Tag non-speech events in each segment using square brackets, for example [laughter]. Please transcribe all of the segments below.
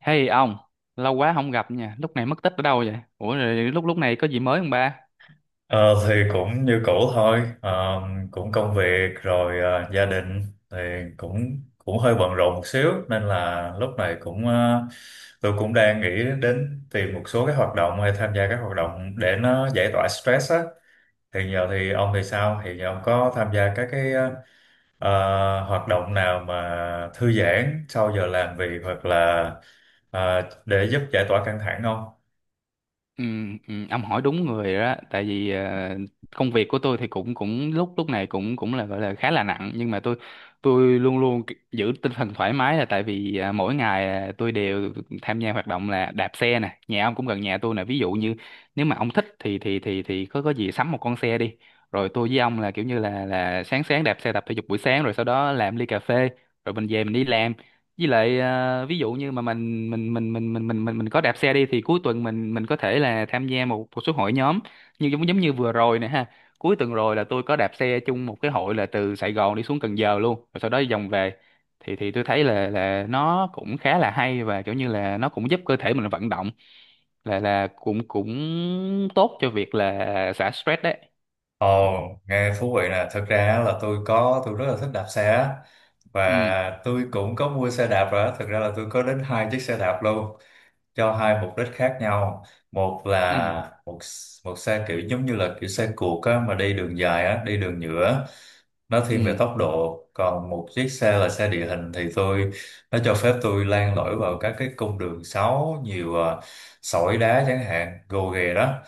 Hey ông, lâu quá không gặp nha, lúc này mất tích ở đâu vậy? Ủa rồi lúc lúc này có gì mới không ba? Ờ, thì cũng như cũ thôi. Ờ, Cũng công việc rồi, gia đình thì cũng cũng hơi bận rộn một xíu, nên là lúc này cũng, tôi cũng đang nghĩ đến tìm một số cái hoạt động hay tham gia các hoạt động để nó giải tỏa stress á. Thì giờ thì ông thì sao? Thì giờ ông có tham gia các cái, hoạt động nào mà thư giãn sau giờ làm việc, hoặc là để giúp giải tỏa căng thẳng không? Ừ, ông hỏi đúng người rồi đó, tại vì công việc của tôi thì cũng cũng lúc lúc này cũng cũng là gọi là khá là nặng nhưng mà tôi luôn luôn giữ tinh thần thoải mái là tại vì mỗi ngày tôi đều tham gia hoạt động là đạp xe nè, nhà ông cũng gần nhà tôi nè, ví dụ như nếu mà ông thích thì có gì sắm một con xe đi. Rồi tôi với ông là kiểu như là sáng sáng đạp xe tập thể dục buổi sáng rồi sau đó làm ly cà phê rồi mình về mình đi làm với lại ví dụ như mà mình có đạp xe đi thì cuối tuần mình có thể là tham gia một một số hội nhóm như giống giống như vừa rồi nè ha, cuối tuần rồi là tôi có đạp xe chung một cái hội là từ Sài Gòn đi xuống Cần Giờ luôn, rồi sau đó vòng về. Thì tôi thấy là nó cũng khá là hay và kiểu như là nó cũng giúp cơ thể mình vận động, là cũng cũng tốt cho việc là xả stress đấy. Ồ, nghe thú vị nè. Thật ra á là tôi có, tôi rất là thích đạp xe á. ừ Và tôi cũng có mua xe đạp rồi á. Thật ra là tôi có đến hai chiếc xe đạp luôn. Cho hai mục đích khác nhau. Một ừ là một một xe kiểu giống như là kiểu xe cuộc á, mà đi đường dài á, đi đường nhựa á. Nó thiên về ừ tốc độ. Còn một chiếc xe là xe địa hình, thì tôi, nó cho phép tôi len lỏi vào các cái cung đường xấu, nhiều sỏi đá chẳng hạn, gồ ghề đó.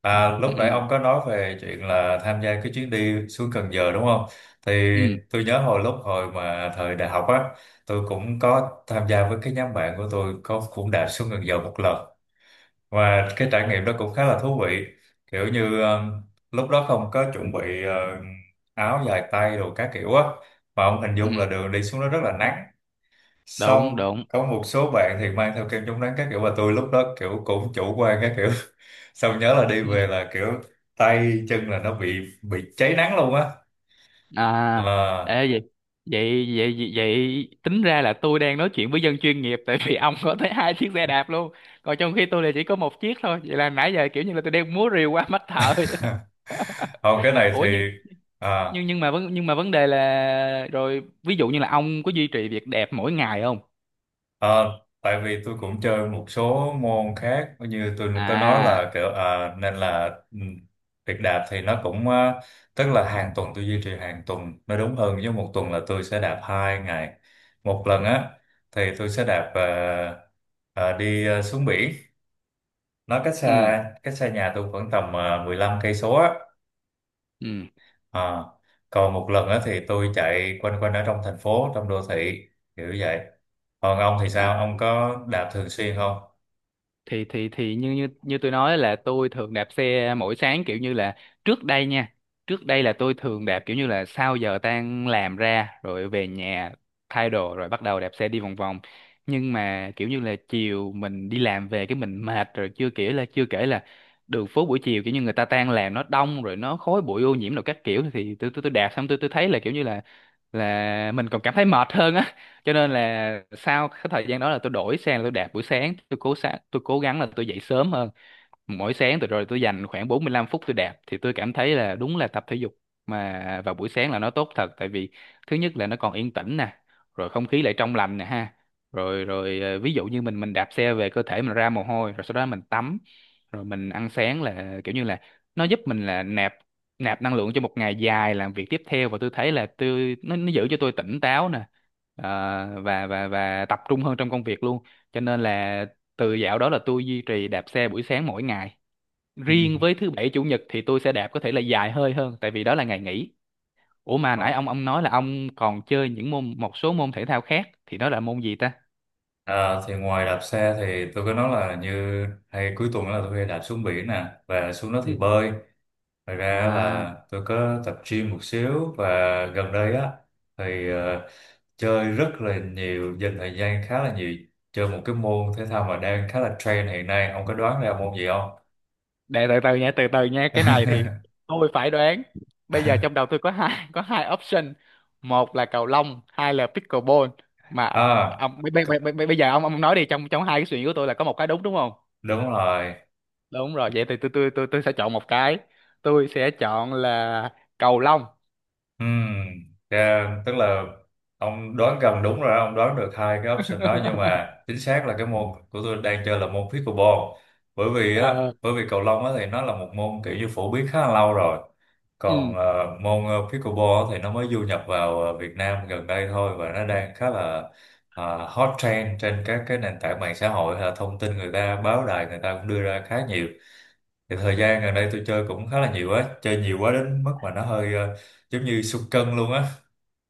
À, lúc ừ ừ nãy ông có nói về chuyện là tham gia cái chuyến đi xuống Cần Giờ đúng không? Thì ừ tôi nhớ hồi lúc hồi mà thời đại học á, tôi cũng có tham gia với cái nhóm bạn của tôi, có cũng đã xuống Cần Giờ một lần, và cái trải nghiệm đó cũng khá là thú vị. Kiểu như lúc đó không có chuẩn bị áo dài tay đồ các kiểu á, mà ông hình dung ừ, là đường đi xuống đó rất là nắng. Xong đúng đúng. có một số bạn thì mang theo kem chống nắng các kiểu, và tôi lúc đó kiểu cũng chủ quan các kiểu, xong nhớ là đi về [laughs] là kiểu tay chân là nó bị cháy nắng luôn á. À, Ờ. ê, vậy, vậy vậy vậy vậy tính ra là tôi đang nói chuyện với dân chuyên nghiệp tại vì ông có tới hai chiếc xe đạp luôn. Còn trong khi tôi là chỉ có một chiếc thôi. Vậy là nãy giờ kiểu như là tôi đang múa rìu qua [laughs] mắt thợ. Vậy đó. [laughs] Không, cái này Ủa nhưng thì à, nhưng mà vấn đề là rồi ví dụ như là ông có duy trì việc đẹp mỗi ngày không? à, tại vì tôi cũng chơi một số môn khác như tôi có nói là À, kiểu, nên là ừ, việc đạp thì nó cũng, tức là hàng tuần, tôi duy trì hàng tuần nó đúng hơn, với một tuần là tôi sẽ đạp 2 ngày một lần á, thì tôi sẽ đạp đi xuống biển, nó cách ừ, xa cách xa nhà tôi khoảng tầm 15 cây số. ừ. À, còn một lần á thì tôi chạy quanh quanh ở trong thành phố, trong đô thị, kiểu vậy. Còn ông thì à. sao? Ông có đạp thường xuyên không? Thì như như như tôi nói là tôi thường đạp xe mỗi sáng kiểu như là trước đây nha, trước đây là tôi thường đạp kiểu như là sau giờ tan làm ra rồi về nhà thay đồ rồi bắt đầu đạp xe đi vòng vòng, nhưng mà kiểu như là chiều mình đi làm về cái mình mệt rồi, chưa kể là đường phố buổi chiều kiểu như người ta tan làm nó đông rồi nó khói bụi ô nhiễm rồi các kiểu, thì tôi tôi đạp xong tôi thấy là kiểu như là mình còn cảm thấy mệt hơn á, cho nên là sau cái thời gian đó là tôi đổi sang là tôi đạp buổi sáng, tôi cố gắng là tôi dậy sớm hơn mỗi sáng, tôi dành khoảng 45 phút tôi đạp thì tôi cảm thấy là đúng là tập thể dục mà vào buổi sáng là nó tốt thật, tại vì thứ nhất là nó còn yên tĩnh nè, rồi không khí lại trong lành nè ha, rồi rồi ví dụ như mình đạp xe về cơ thể mình ra mồ hôi rồi sau đó mình tắm rồi mình ăn sáng, là kiểu như là nó giúp mình là nạp nạp năng lượng cho một ngày dài làm việc tiếp theo, và tôi thấy là nó giữ cho tôi tỉnh táo nè. Ờ, và và tập trung hơn trong công việc luôn, cho nên là từ dạo đó là tôi duy trì đạp xe buổi sáng mỗi ngày, Ừ. riêng với thứ bảy chủ nhật thì tôi sẽ đạp có thể là dài hơi hơn tại vì đó là ngày nghỉ. Ủa mà nãy Ờ. ông nói là ông còn chơi những môn một số môn thể thao khác thì đó là môn gì ta? À, thì ngoài đạp xe thì tôi có nói là, như hay cuối tuần là tôi hay đạp xuống biển nè, và xuống đó thì Ừ. bơi. Ngoài ra à, là tôi có tập gym một xíu, và gần đây á thì chơi rất là nhiều, dành thời gian khá là nhiều chơi một cái môn thể thao mà đang khá là trend hiện nay. Ông có đoán ra môn gì không? để từ từ nha, từ từ nha, cái này thì tôi phải đoán. Bây giờ [laughs] trong đầu tôi có hai option, một là cầu lông, hai là pickleball. Mà à, ông bây, bây, c- bây, bây bây giờ ông nói đi, trong trong hai cái suy nghĩ của tôi là có một cái đúng, đúng không? Đúng rồi. Đúng rồi. Vậy thì tôi sẽ chọn một cái, tôi sẽ chọn là cầu lông. Ừm, tức là ông đoán gần đúng rồi đó. Ông đoán được hai cái option đó, nhưng mà [laughs] chính xác là cái môn của tôi đang chơi là môn pickleball. bởi vì á Ờ, Bởi vì cầu lông á thì nó là một môn kiểu như phổ biến khá là lâu rồi, còn ừ. Môn pickleball á thì nó mới du nhập vào Việt Nam gần đây thôi, và nó đang khá là hot trend trên các cái nền tảng mạng xã hội, thông tin người ta, báo đài người ta cũng đưa ra khá nhiều. Thì thời gian gần đây tôi chơi cũng khá là nhiều á, chơi nhiều quá đến mức mà nó hơi giống như sụt cân luôn á.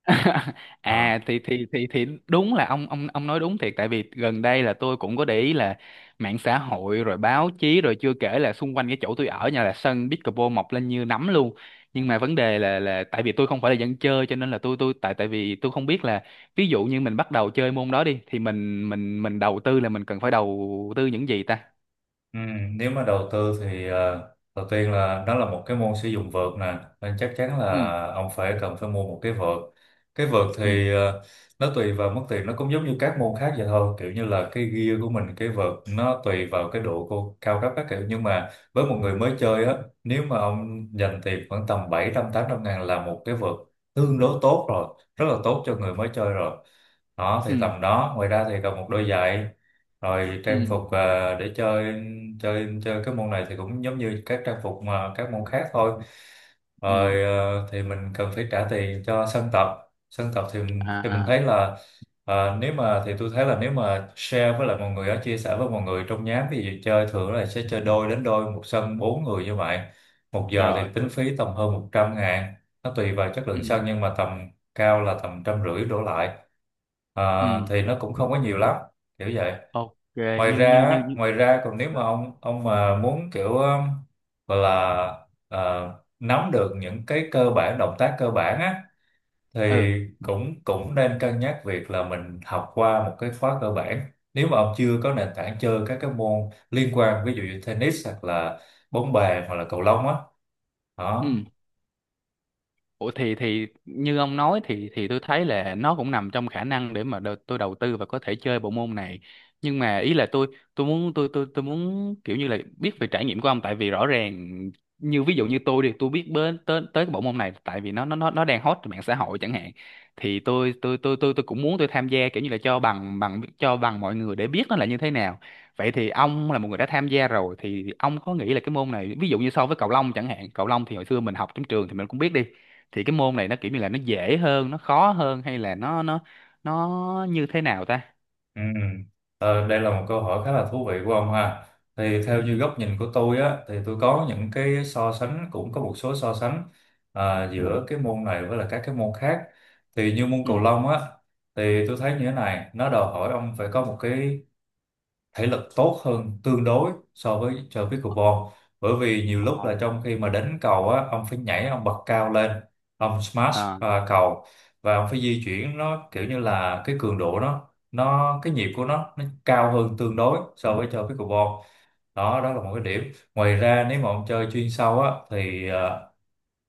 [laughs] à, Ờ. thì đúng là ông ông nói đúng thiệt, tại vì gần đây là tôi cũng có để ý là mạng xã hội rồi báo chí rồi chưa kể là xung quanh cái chỗ tôi ở nhà là sân pickleball mọc lên như nấm luôn. Nhưng mà vấn đề là tại vì tôi không phải là dân chơi cho nên là tôi tại tại vì tôi không biết là ví dụ như mình bắt đầu chơi môn đó đi thì mình mình đầu tư là mình cần phải đầu tư những gì ta? Ừ, nếu mà đầu tư thì đầu tiên là đó là một cái môn sử dụng vợt nè, nên chắc chắn Ừ là ông phải cần phải mua một cái vợt. Cái vợt ừ thì nó tùy vào mức tiền, nó cũng giống như các môn khác vậy thôi, kiểu như là cái gear của mình, cái vợt nó tùy vào cái độ cao cấp các kiểu, nhưng mà với một người mới chơi á, nếu mà ông dành tiền khoảng tầm bảy trăm tám trăm ngàn là một cái vợt tương đối tốt rồi, rất là tốt cho người mới chơi rồi. Đó thì ừ tầm đó, ngoài ra thì cần một đôi giày, rồi trang ừ phục để chơi, chơi cái môn này thì cũng giống như các trang phục mà các môn khác thôi. ừ Rồi thì mình cần phải trả tiền cho sân tập. Sân tập thì mình à thấy là, nếu mà, thì tôi thấy là, nếu mà share với lại mọi người á, chia sẻ với mọi người trong nhóm, ví dụ chơi thường là sẽ chơi đôi, đến đôi một sân bốn người như vậy, một giờ thì rồi tính phí tầm hơn 100 ngàn, nó tùy vào chất lượng ừ sân, nhưng mà tầm cao là tầm trăm rưỡi đổ lại. Ờ, ừ thì nó cũng không có nhiều lắm, kiểu vậy. ok Ngoài như ra á, như. ngoài ra còn, nếu mà Ừ ông mà muốn kiểu, gọi là ờ, nắm được những cái cơ bản, động tác cơ bản á, Ừ. thì cũng cũng nên cân nhắc việc là mình học qua một cái khóa cơ bản, nếu mà ông chưa có nền tảng chơi các cái môn liên quan, ví dụ như tennis hoặc là bóng bàn hoặc là cầu lông á. Đó. ừ Ủa thì như ông nói thì tôi thấy là nó cũng nằm trong khả năng để mà tôi đầu tư và có thể chơi bộ môn này. Nhưng mà ý là tôi muốn tôi muốn kiểu như là biết về trải nghiệm của ông, tại vì rõ ràng như ví dụ như tôi đi, tôi biết đến tới tới cái bộ môn này tại vì nó đang hot trên mạng xã hội chẳng hạn. Thì tôi cũng muốn tôi tham gia kiểu như là cho bằng bằng cho bằng mọi người để biết nó là như thế nào. Vậy thì ông là một người đã tham gia rồi thì ông có nghĩ là cái môn này ví dụ như so với cầu lông chẳng hạn, cầu lông thì hồi xưa mình học trong trường thì mình cũng biết đi, thì cái môn này nó kiểu như là nó dễ hơn, nó khó hơn, hay là nó nó như thế nào ta? Ừ. Ờ, đây là một câu hỏi khá là thú vị của ông ha. Thì theo Ừ như góc nhìn của tôi á, thì tôi có những cái so sánh, cũng có một số so sánh giữa cái môn này với là các cái môn khác. Thì như môn cầu ừ lông á, thì tôi thấy như thế này, nó đòi hỏi ông phải có một cái thể lực tốt hơn tương đối so với chơi pickleball, bởi vì nhiều lúc ờ, là trong khi mà đánh cầu á, ông phải nhảy, ông bật cao lên, ông smash ờ, cầu, và ông phải di chuyển, nó kiểu như là cái cường độ nó cái nhịp của nó cao hơn tương đối so với chơi pickleball. Đó, đó là một cái điểm. Ngoài ra nếu mà ông chơi chuyên sâu á thì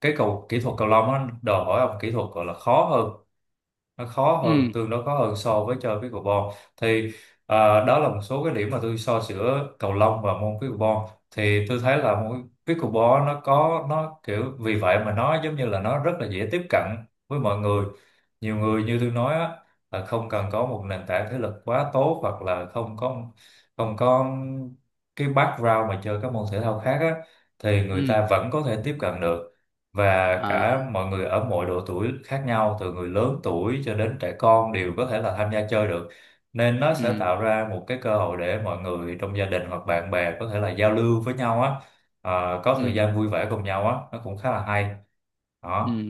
cái cầu, kỹ thuật cầu lông á đòi hỏi ông kỹ thuật, gọi là khó hơn, nó khó hơn, ừ tương đối khó hơn so với chơi pickleball. Thì đó là một số cái điểm mà tôi so giữa cầu lông và môn pickleball. Thì tôi thấy là môn pickleball nó có, nó kiểu, vì vậy mà nó giống như là nó rất là dễ tiếp cận với mọi người. Nhiều người, như tôi nói á, là không cần có một nền tảng thể lực quá tốt, hoặc là không có, không có cái background mà chơi các môn thể thao khác á, thì người ừ ta vẫn có thể tiếp cận được, và à, cả mọi người ở mọi độ tuổi khác nhau, từ người lớn tuổi cho đến trẻ con đều có thể là tham gia chơi được, nên nó sẽ ừ tạo ra một cái cơ hội để mọi người trong gia đình hoặc bạn bè có thể là giao lưu với nhau á, có ừ thời gian vui vẻ cùng nhau á, nó cũng khá là hay. Ừ, Đó.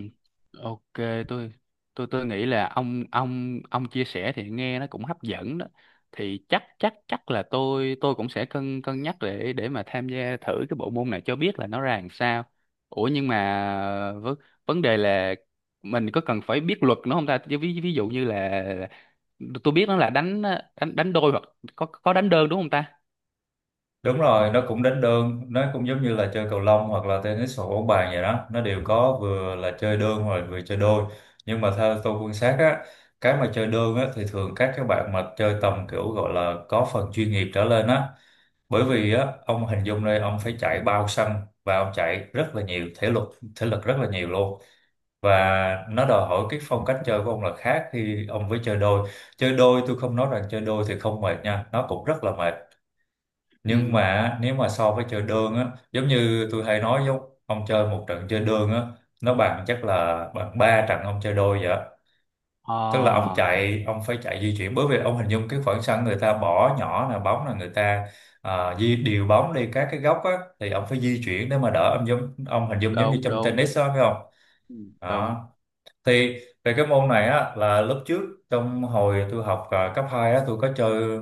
ok, tôi tôi tôi nghĩ là ông ông chia sẻ thì nghe nó cũng hấp dẫn đó, thì chắc chắc chắc là tôi cũng sẽ cân cân nhắc để mà tham gia thử cái bộ môn này cho biết là nó ra làm sao. Ủa nhưng mà vấn vấn đề là mình có cần phải biết luật nữa không ta, ví ví dụ như là tôi biết nó là đánh đánh đánh đôi hoặc có đánh đơn đúng không ta? Đúng rồi, nó cũng đánh đơn, nó cũng giống như là chơi cầu lông hoặc là tennis hoặc bóng bàn vậy đó, nó đều có vừa là chơi đơn hoặc là vừa chơi đôi. Nhưng mà theo tôi quan sát á, cái mà chơi đơn á thì thường các bạn mà chơi tầm kiểu, gọi là có phần chuyên nghiệp trở lên á, bởi Ừ vì á ông hình dung đây, ông phải chạy bao sân, và ông chạy rất là nhiều thể lực, thể lực rất là nhiều luôn, và nó đòi hỏi cái phong cách chơi của ông là khác khi ông với chơi đôi. Chơi đôi, tôi không nói rằng chơi đôi thì không mệt nha, nó cũng rất là mệt, ừ nhưng mà nếu mà so với chơi đơn á, giống như tôi hay nói, giống ông chơi một trận chơi đơn á, nó bằng, chắc là bằng ba trận ông chơi đôi vậy. Tức là ông ờ chạy, ông phải chạy di chuyển, bởi vì ông hình dung cái khoảng sân người ta bỏ nhỏ là bóng, là người ta di điều bóng đi các cái góc á, thì ông phải di chuyển để mà đỡ, ông giống, ông hình dung giống như đúng trong đúng tennis đó phải không? Ừ. đúng Đó. Thì về cái môn này á là lúc trước, trong hồi tôi học cấp 2 á,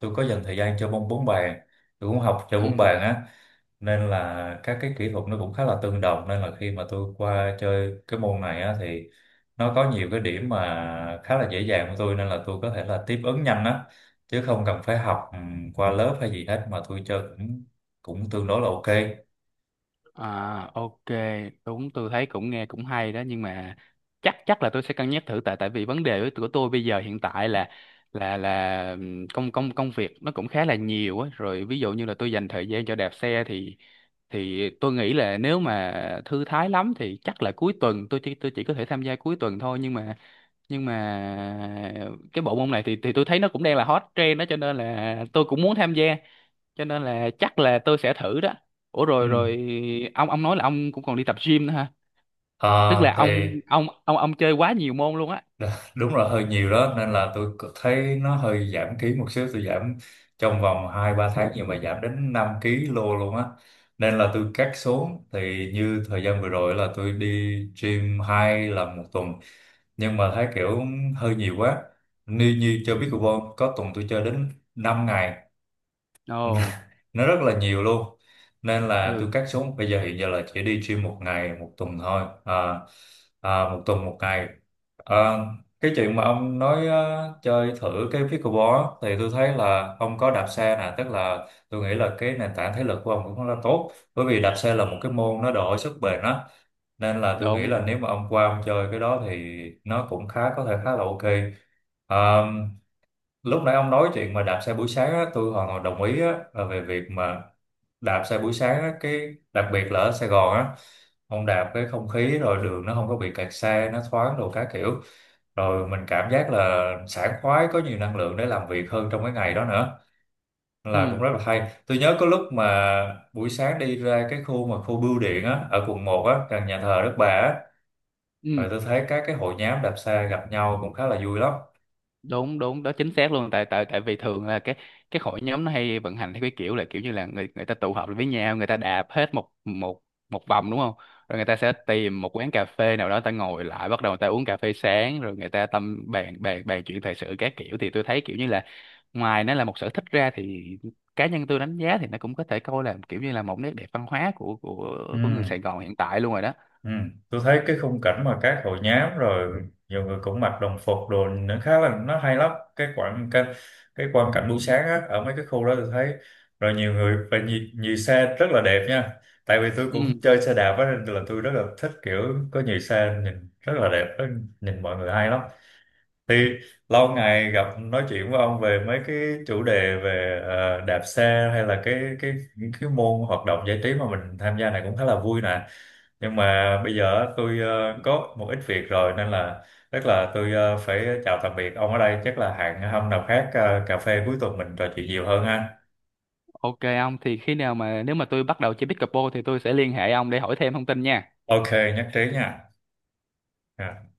tôi có dành thời gian chơi môn bóng bàn, tôi cũng học chơi bóng ừ bàn á, nên là các cái kỹ thuật nó cũng khá là tương đồng, nên là khi mà tôi qua chơi cái môn này á, thì nó có nhiều cái điểm mà khá là dễ dàng của tôi, nên là tôi có thể là tiếp ứng nhanh á, chứ không cần phải học qua lớp hay gì hết mà tôi chơi cũng cũng tương đối là ok. À ok, đúng, tôi thấy cũng nghe cũng hay đó, nhưng mà chắc chắc là tôi sẽ cân nhắc thử, tại tại vì vấn đề của tôi bây giờ hiện tại là là công công công việc nó cũng khá là nhiều á, rồi ví dụ như là tôi dành thời gian cho đạp xe thì tôi nghĩ là nếu mà thư thái lắm thì chắc là cuối tuần, tôi chỉ có thể tham gia cuối tuần thôi, nhưng mà cái bộ môn này thì tôi thấy nó cũng đang là hot trend đó cho nên là tôi cũng muốn tham gia, cho nên là chắc là tôi sẽ thử đó. Ủa Ừ. rồi rồi ông nói là ông cũng còn đi tập gym nữa ha, tức Ờ, là thì ông ông chơi quá nhiều môn luôn á. Đó, đúng là hơi nhiều đó, nên là thấy nó hơi giảm ký một xíu, tôi giảm trong vòng 2 3 tháng nhưng mà giảm đến 5 ký lô luôn á, nên là tôi cắt xuống. Thì như thời gian vừa rồi là tôi đi gym 2 lần 1 tuần nhưng mà thấy kiểu hơi nhiều quá. Như như chơi pickleball có tuần tôi chơi đến 5 ngày, Ồ [laughs] nó rất là nhiều luôn, nên là tôi ừ cắt xuống bây giờ, hiện giờ là chỉ đi gym 1 ngày 1 tuần thôi à, à, 1 tuần 1 ngày à, cái chuyện mà ông nói chơi thử cái pickleball á, thì tôi thấy là ông có đạp xe nè, tức là tôi nghĩ là cái nền tảng thể lực của ông cũng rất là tốt, bởi vì đạp xe là một cái môn nó đòi hỏi sức bền á, nên là tôi nghĩ đúng là nếu đúng mà ông qua ông chơi cái đó thì nó cũng khá, có thể khá là ok. À, lúc nãy ông nói chuyện mà đạp xe buổi sáng á, tôi hoàn toàn đồng ý á, là về việc mà đạp xe buổi sáng á, cái đặc biệt là ở Sài Gòn á, ông đạp cái không khí rồi đường nó không có bị kẹt xe, nó thoáng đồ các kiểu, rồi mình cảm giác là sảng khoái, có nhiều năng lượng để làm việc hơn trong cái ngày đó nữa. Nên là ừ cũng rất là hay. Tôi nhớ có lúc mà buổi sáng đi ra cái khu mà khu bưu điện á, ở quận 1 á, gần nhà thờ Đức Bà á, ừ rồi tôi thấy các cái hội nhóm đạp xe gặp nhau cũng khá là vui lắm. Đúng đúng đó, chính xác luôn, tại tại tại vì thường là cái hội nhóm nó hay vận hành theo cái kiểu là kiểu như là người người ta tụ họp lại với nhau, người ta đạp hết một một một vòng đúng không, rồi người ta sẽ tìm một quán cà phê nào đó, người ta ngồi lại bắt đầu người ta uống cà phê sáng, rồi người ta tâm bàn bàn bàn chuyện thời sự các kiểu, thì tôi thấy kiểu như là ngoài nó là một sở thích ra thì cá nhân tôi đánh giá thì nó cũng có thể coi là kiểu như là một nét đẹp văn hóa của Ừ. của người Sài Gòn hiện tại luôn rồi đó. Ừ. Tôi thấy cái khung cảnh mà các hội nhóm, rồi nhiều người cũng mặc đồng phục đồ, nó khá là, nó hay lắm. cái quãng cái, cái quang cảnh buổi sáng á, ở mấy cái khu đó tôi thấy rồi nhiều người và nhiều xe rất là đẹp nha, tại vì tôi cũng Ừ chơi xe đạp á, nên là tôi rất là thích kiểu có nhiều xe nhìn rất là đẹp á, nhìn mọi người hay lắm. Thì lâu ngày gặp nói chuyện với ông về mấy cái chủ đề về đạp xe hay là cái cái môn hoạt động giải trí mà mình tham gia này cũng khá là vui nè. Nhưng mà bây giờ tôi có một ít việc rồi, nên là chắc là tôi phải chào tạm biệt ông ở đây, chắc là hẹn hôm nào khác cà phê cuối tuần mình trò chuyện nhiều hơn ha. ok, ông thì khi nào mà nếu mà tôi bắt đầu chơi pickleball thì tôi sẽ liên hệ ông để hỏi thêm thông tin nha. Ok, nhất trí nha. Dạ.